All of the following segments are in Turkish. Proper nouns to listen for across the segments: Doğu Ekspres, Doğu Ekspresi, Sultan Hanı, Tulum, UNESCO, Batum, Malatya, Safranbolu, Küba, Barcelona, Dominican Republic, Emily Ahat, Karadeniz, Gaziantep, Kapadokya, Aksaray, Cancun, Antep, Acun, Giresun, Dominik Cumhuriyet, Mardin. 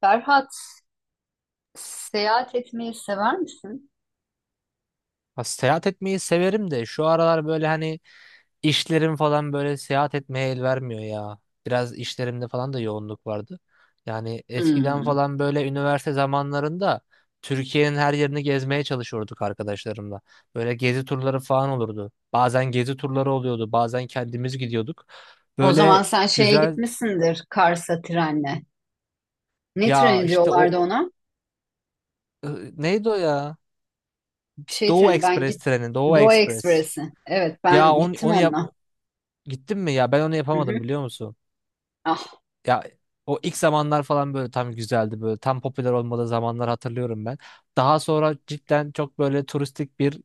Ferhat, seyahat etmeyi sever misin? Ha, seyahat etmeyi severim de şu aralar böyle hani işlerim falan böyle seyahat etmeye el vermiyor ya. Biraz işlerimde falan da yoğunluk vardı. Yani eskiden Hmm. falan böyle üniversite zamanlarında Türkiye'nin her yerini gezmeye çalışıyorduk arkadaşlarımla. Böyle gezi turları falan olurdu. Bazen gezi turları oluyordu, bazen kendimiz gidiyorduk. O zaman Böyle sen şeye güzel gitmişsindir Kars'a trenle. Ne ya treni işte diyorlardı o ona? e, neydi o ya? Bir şey Doğu treni. Ben Ekspres git treni, Doğu Doğu Ekspres. Ekspresi. Evet, Ya ben onu, gittim onu yap. onunla. Gittin mi ya? Ben onu Hı hı. yapamadım biliyor musun? Ah. Ya o ilk zamanlar falan böyle tam güzeldi, böyle tam popüler olmadığı zamanlar hatırlıyorum ben. Daha sonra cidden çok böyle turistik bir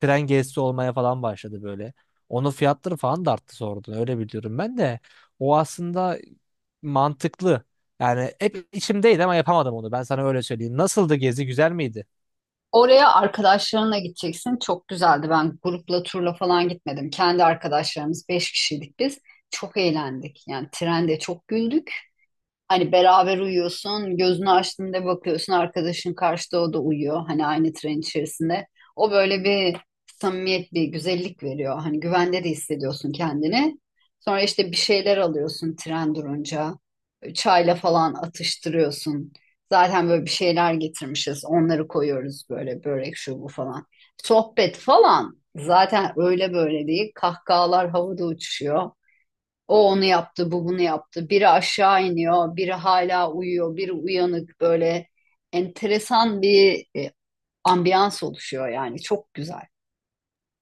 tren gezisi olmaya falan başladı böyle. Onun fiyatları falan da arttı sonradan, öyle biliyorum ben de. O aslında mantıklı. Yani hep içimdeydi ama yapamadım onu. Ben sana öyle söyleyeyim. Nasıldı gezi? Güzel miydi? Oraya arkadaşlarınla gideceksin. Çok güzeldi. Ben grupla turla falan gitmedim. Kendi arkadaşlarımız beş kişiydik biz. Çok eğlendik. Yani trende çok güldük. Hani beraber uyuyorsun, gözünü açtığında bakıyorsun arkadaşın karşıda o da uyuyor. Hani aynı tren içerisinde. O böyle bir samimiyet, bir güzellik veriyor. Hani güvende de hissediyorsun kendini. Sonra işte bir şeyler alıyorsun tren durunca. Çayla falan atıştırıyorsun. Zaten böyle bir şeyler getirmişiz. Onları koyuyoruz böyle börek şu bu falan. Sohbet falan. Zaten öyle böyle değil. Kahkahalar havada uçuşuyor. O onu yaptı, bu bunu yaptı. Biri aşağı iniyor, biri hala uyuyor, biri uyanık böyle enteresan bir ambiyans oluşuyor yani. Çok güzel,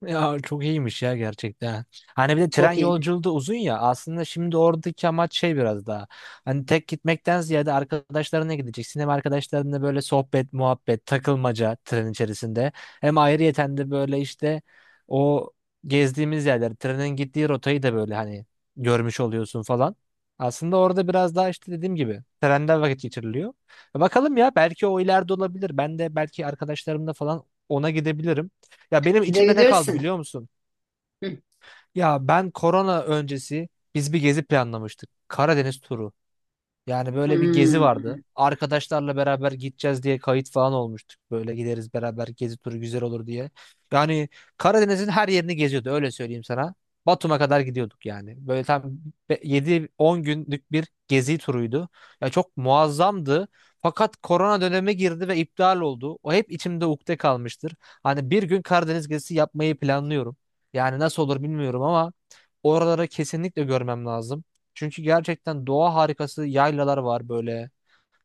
Ya çok iyiymiş ya gerçekten. Hani bir de tren çok iyi. yolculuğu da uzun ya. Aslında şimdi oradaki amaç şey biraz daha. Hani tek gitmekten ziyade arkadaşlarına gideceksin. Hem arkadaşlarınla böyle sohbet, muhabbet, takılmaca tren içerisinde. Hem ayrıyeten de böyle işte o gezdiğimiz yerler, trenin gittiği rotayı da böyle hani görmüş oluyorsun falan. Aslında orada biraz daha işte dediğim gibi trenden vakit geçiriliyor. Bakalım ya, belki o ileride olabilir. Ben de belki arkadaşlarımla falan ona gidebilirim. Ya benim içimde ne kaldı Gidebilirsin. biliyor musun? Hı. Ya ben korona öncesi biz bir gezi planlamıştık. Karadeniz turu. Yani böyle bir gezi vardı. Hmm. Arkadaşlarla beraber gideceğiz diye kayıt falan olmuştuk. Böyle gideriz beraber, gezi turu güzel olur diye. Yani Karadeniz'in her yerini geziyordu, öyle söyleyeyim sana. Batum'a kadar gidiyorduk yani. Böyle tam 7-10 günlük bir gezi turuydu. Ya çok muazzamdı. Fakat korona dönemi girdi ve iptal oldu. O hep içimde ukde kalmıştır. Hani bir gün Karadeniz gezisi yapmayı planlıyorum. Yani nasıl olur bilmiyorum ama oraları kesinlikle görmem lazım. Çünkü gerçekten doğa harikası yaylalar var böyle.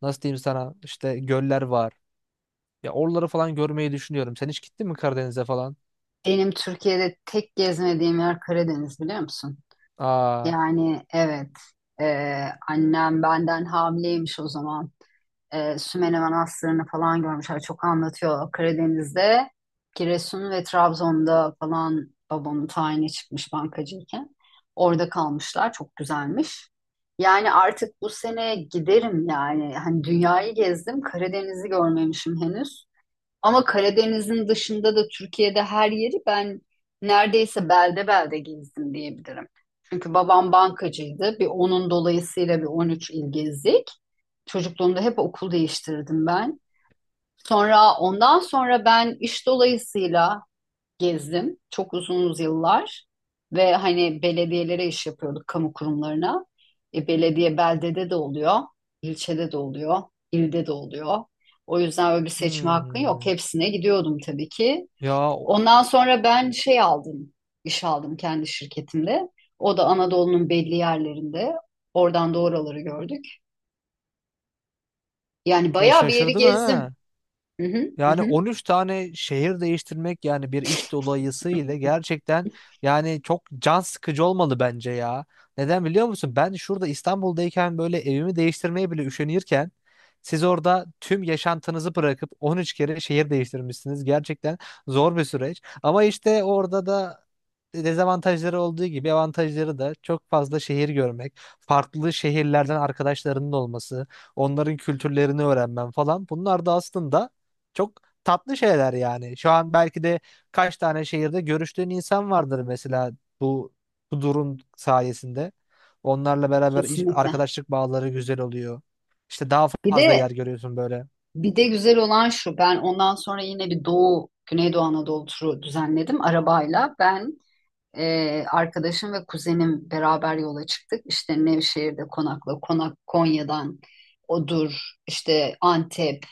Nasıl diyeyim sana, işte göller var. Ya oraları falan görmeyi düşünüyorum. Sen hiç gittin mi Karadeniz'e falan? Benim Türkiye'de tek gezmediğim yer Karadeniz biliyor musun? Aa. Yani evet, e, annem benden hamileymiş o zaman. Sümele Manastırı'nı falan görmüşler. Çok anlatıyor Karadeniz'de. Giresun ve Trabzon'da falan babamın tayini çıkmış bankacıyken. Orada kalmışlar. Çok güzelmiş. Yani artık bu sene giderim yani. Hani dünyayı gezdim. Karadeniz'i görmemişim henüz. Ama Karadeniz'in dışında da Türkiye'de her yeri ben neredeyse belde belde gezdim diyebilirim. Çünkü babam bankacıydı. Bir onun dolayısıyla bir 13 il gezdik. Çocukluğumda hep okul değiştirdim ben. Sonra ondan sonra ben iş dolayısıyla gezdim çok uzun yıllar ve hani belediyelere iş yapıyorduk kamu kurumlarına. Belediye beldede de oluyor, ilçede de oluyor, ilde de oluyor. O yüzden öyle bir seçme hakkı yok. Hmm. Hepsine gidiyordum tabii ki. Ya, o- Ondan sonra ben şey aldım, iş aldım kendi şirketimde. O da Anadolu'nun belli yerlerinde. Oradan da oraları gördük. Yani ya bayağı bir yeri şaşırdım ha. gezdim. Hı hı, hı Yani hı. 13 tane şehir değiştirmek yani bir iş dolayısıyla gerçekten yani çok can sıkıcı olmalı bence ya. Neden biliyor musun? Ben şurada İstanbul'dayken böyle evimi değiştirmeye bile üşenirken siz orada tüm yaşantınızı bırakıp 13 kere şehir değiştirmişsiniz. Gerçekten zor bir süreç. Ama işte orada da dezavantajları olduğu gibi avantajları da çok fazla: şehir görmek, farklı şehirlerden arkadaşlarının olması, onların kültürlerini öğrenmen falan. Bunlar da aslında çok tatlı şeyler yani. Şu an belki de kaç tane şehirde görüştüğün insan vardır mesela bu bu durum sayesinde. Onlarla beraber iş, Kesinlikle. arkadaşlık bağları güzel oluyor. İşte daha Bir fazla yer de görüyorsun böyle. Bir de güzel olan şu, ben ondan sonra yine bir Doğu, Güneydoğu Anadolu turu düzenledim arabayla. Ben, arkadaşım ve kuzenim beraber yola çıktık. İşte Nevşehir'de konakla, konak Konya'dan Odur, işte Antep,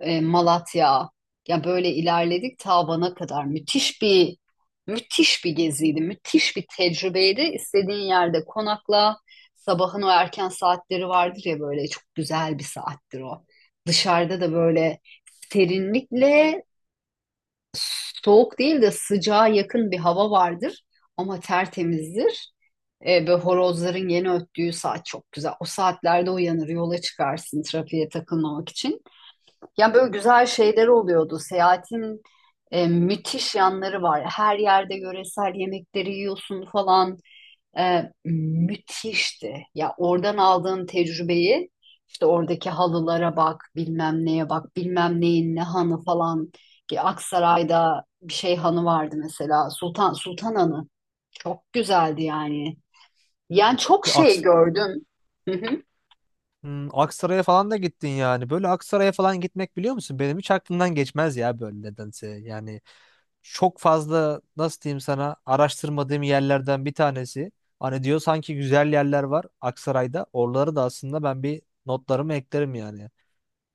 Malatya. Ya böyle ilerledik ta Van'a kadar. Müthiş bir geziydi, müthiş bir tecrübeydi. İstediğin yerde konakla. Sabahın o erken saatleri vardır ya böyle çok güzel bir saattir o. Dışarıda da böyle serinlikle soğuk değil de sıcağa yakın bir hava vardır ama tertemizdir. Ve horozların yeni öttüğü saat çok güzel. O saatlerde uyanır, yola çıkarsın trafiğe takılmamak için. Yani böyle güzel şeyler oluyordu. Seyahatin müthiş yanları var. Her yerde yöresel yemekleri yiyorsun falan. Müthişti. Ya oradan aldığın tecrübeyi işte oradaki halılara bak, bilmem neye bak, bilmem neyin ne hanı falan. Ki Aksaray'da bir şey hanı vardı mesela. Sultan Sultan Hanı. Çok güzeldi yani. Yani çok Bir şey Aks- gördüm. Hmm, Aksaray'a falan da gittin yani. Böyle Aksaray'a falan gitmek biliyor musun? Benim hiç aklımdan geçmez ya böyle, nedense. Yani çok fazla, nasıl diyeyim sana, araştırmadığım yerlerden bir tanesi. Hani diyor sanki güzel yerler var Aksaray'da. Oraları da aslında ben bir notlarımı eklerim yani.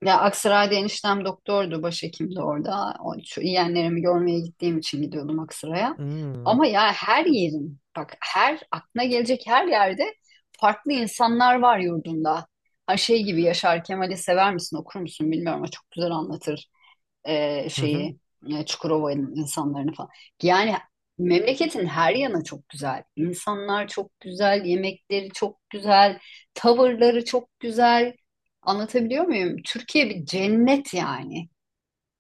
Ya Aksaray'da eniştem doktordu, başhekimdi orada. O, şu yeğenlerimi görmeye gittiğim için gidiyordum Aksaray'a. Hmm. Ama ya her yerin, bak her aklına gelecek her yerde farklı insanlar var yurdunda. Ha şey gibi Yaşar Kemal'i sever misin, okur musun bilmiyorum ama çok güzel anlatır şeyi Çukurova'nın insanlarını falan. Yani memleketin her yanı çok güzel. İnsanlar çok güzel, yemekleri çok güzel, tavırları çok güzel. Anlatabiliyor muyum? Türkiye bir cennet yani.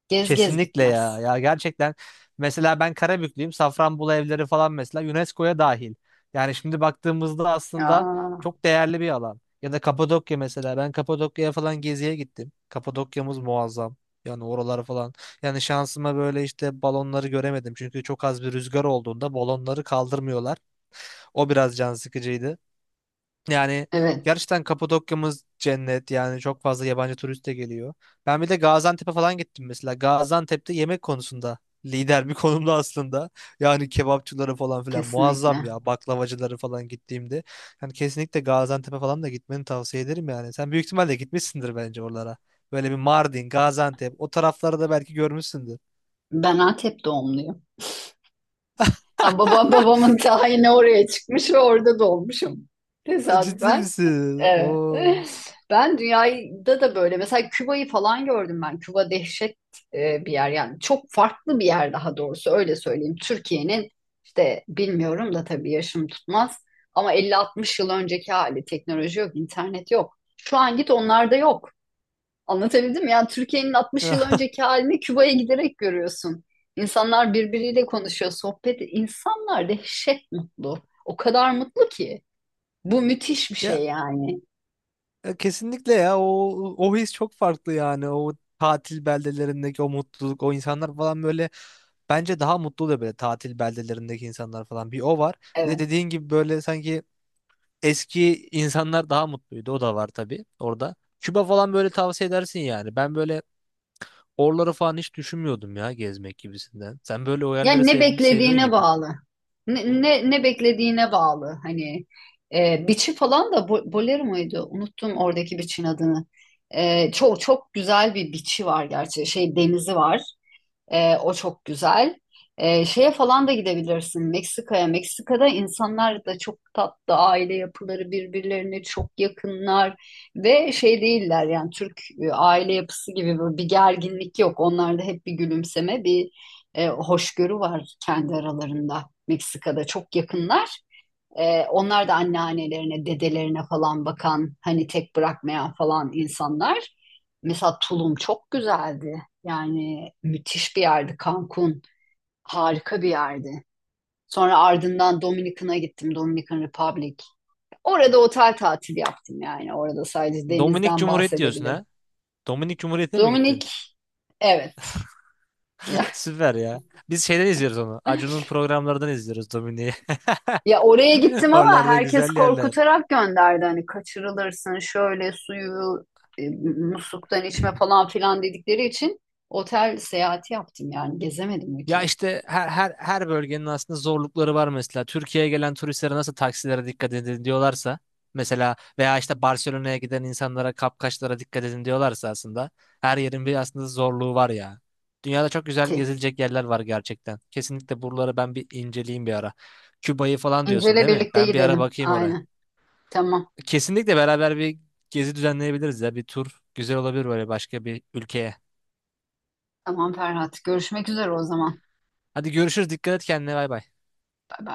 Gez gez Kesinlikle bitmez. ya. Ya gerçekten mesela ben Karabüklüyüm. Safranbolu evleri falan mesela UNESCO'ya dahil. Yani şimdi baktığımızda aslında Aa, çok değerli bir alan. Ya da Kapadokya mesela. Ben Kapadokya'ya falan geziye gittim. Kapadokya'mız muazzam. Yani oralar falan. Yani şansıma böyle işte balonları göremedim. Çünkü çok az bir rüzgar olduğunda balonları kaldırmıyorlar. O biraz can sıkıcıydı. Yani evet, gerçekten Kapadokya'mız cennet yani, çok fazla yabancı turist de geliyor. Ben bir de Gaziantep'e falan gittim mesela. Gaziantep'te yemek konusunda lider bir konumda aslında. Yani kebapçıları falan filan muazzam kesinlikle. ya, baklavacıları falan gittiğimde. Yani kesinlikle Gaziantep'e falan da gitmeni tavsiye ederim yani. Sen büyük ihtimalle gitmişsindir bence oralara. Böyle bir Mardin, Gaziantep, o tarafları da belki görmüşsündür. Ben Antep doğumluyum. Ya babamın tayini oraya çıkmış ve orada doğmuşum. Ciddi Tesadüfen. misin? Oo. Evet. Ben dünyada da böyle mesela Küba'yı falan gördüm ben. Küba dehşet bir yer yani çok farklı bir yer daha doğrusu öyle söyleyeyim. Türkiye'nin işte bilmiyorum da tabii yaşım tutmaz ama 50-60 yıl önceki hali teknoloji yok, internet yok. Şu an git onlarda yok. Anlatabildim mi? Yani Türkiye'nin 60 yıl önceki halini Küba'ya giderek görüyorsun. İnsanlar birbiriyle konuşuyor, sohbet. İnsanlar dehşet mutlu. O kadar mutlu ki. Bu müthiş bir Ya şey yani. Kesinlikle ya, o o his çok farklı yani, o tatil beldelerindeki o mutluluk, o insanlar falan böyle, bence daha mutlu oluyor böyle tatil beldelerindeki insanlar falan, bir o var, bir de Evet. dediğin gibi böyle sanki eski insanlar daha mutluydu, o da var tabii orada. Küba falan böyle tavsiye edersin yani, ben böyle oraları falan hiç düşünmüyordum ya, gezmek gibisinden sen böyle o yerleri Yani ne sev seviyorsun beklediğine gibi. bağlı. Ne beklediğine bağlı. Hani biçi falan da bolero muydu? Unuttum oradaki biçin adını. Çok çok güzel bir biçi var gerçi. Şey denizi var. O çok güzel. Şeye falan da gidebilirsin Meksika'ya. Meksika'da insanlar da çok tatlı, aile yapıları birbirlerine çok yakınlar ve şey değiller yani Türk aile yapısı gibi böyle bir gerginlik yok. Onlarda hep bir gülümseme, bir hoşgörü var kendi aralarında. Meksika'da çok yakınlar. Onlar da anneannelerine, dedelerine falan bakan, hani tek bırakmayan falan insanlar. Mesela Tulum çok güzeldi. Yani müthiş bir yerdi. Cancun harika bir yerdi. Sonra ardından Dominikan'a gittim. Dominican Republic. Orada otel tatili yaptım yani. Orada sadece Dominik denizden Cumhuriyet diyorsun bahsedebilirim. ha, Dominik Cumhuriyet'e mi gittin? Dominik, evet. Süper ya. Biz şeyden izliyoruz onu. Acun'un programlarından izliyoruz Domine'yi. Ya oraya gittim ama Oralarda herkes güzel yerler. korkutarak gönderdi. Hani kaçırılırsın şöyle suyu e, musluktan içme falan filan dedikleri için otel seyahati yaptım yani gezemedim Ya ülkeyi. işte her bölgenin aslında zorlukları var mesela. Türkiye'ye gelen turistlere nasıl taksilere dikkat edin diyorlarsa mesela, veya işte Barcelona'ya giden insanlara kapkaçlara dikkat edin diyorlarsa, aslında her yerin bir aslında zorluğu var ya. Dünyada çok güzel Ki. gezilecek yerler var gerçekten. Kesinlikle buraları ben bir inceleyeyim bir ara. Küba'yı falan diyorsun İncel'e değil mi? birlikte Ben bir ara gidelim. bakayım oraya. Aynen. Tamam. Kesinlikle beraber bir gezi düzenleyebiliriz ya. Bir tur güzel olabilir, böyle başka bir ülkeye. Tamam Ferhat. Görüşmek üzere o zaman. Hadi görüşürüz. Dikkat et kendine. Bay bay. Bay bay.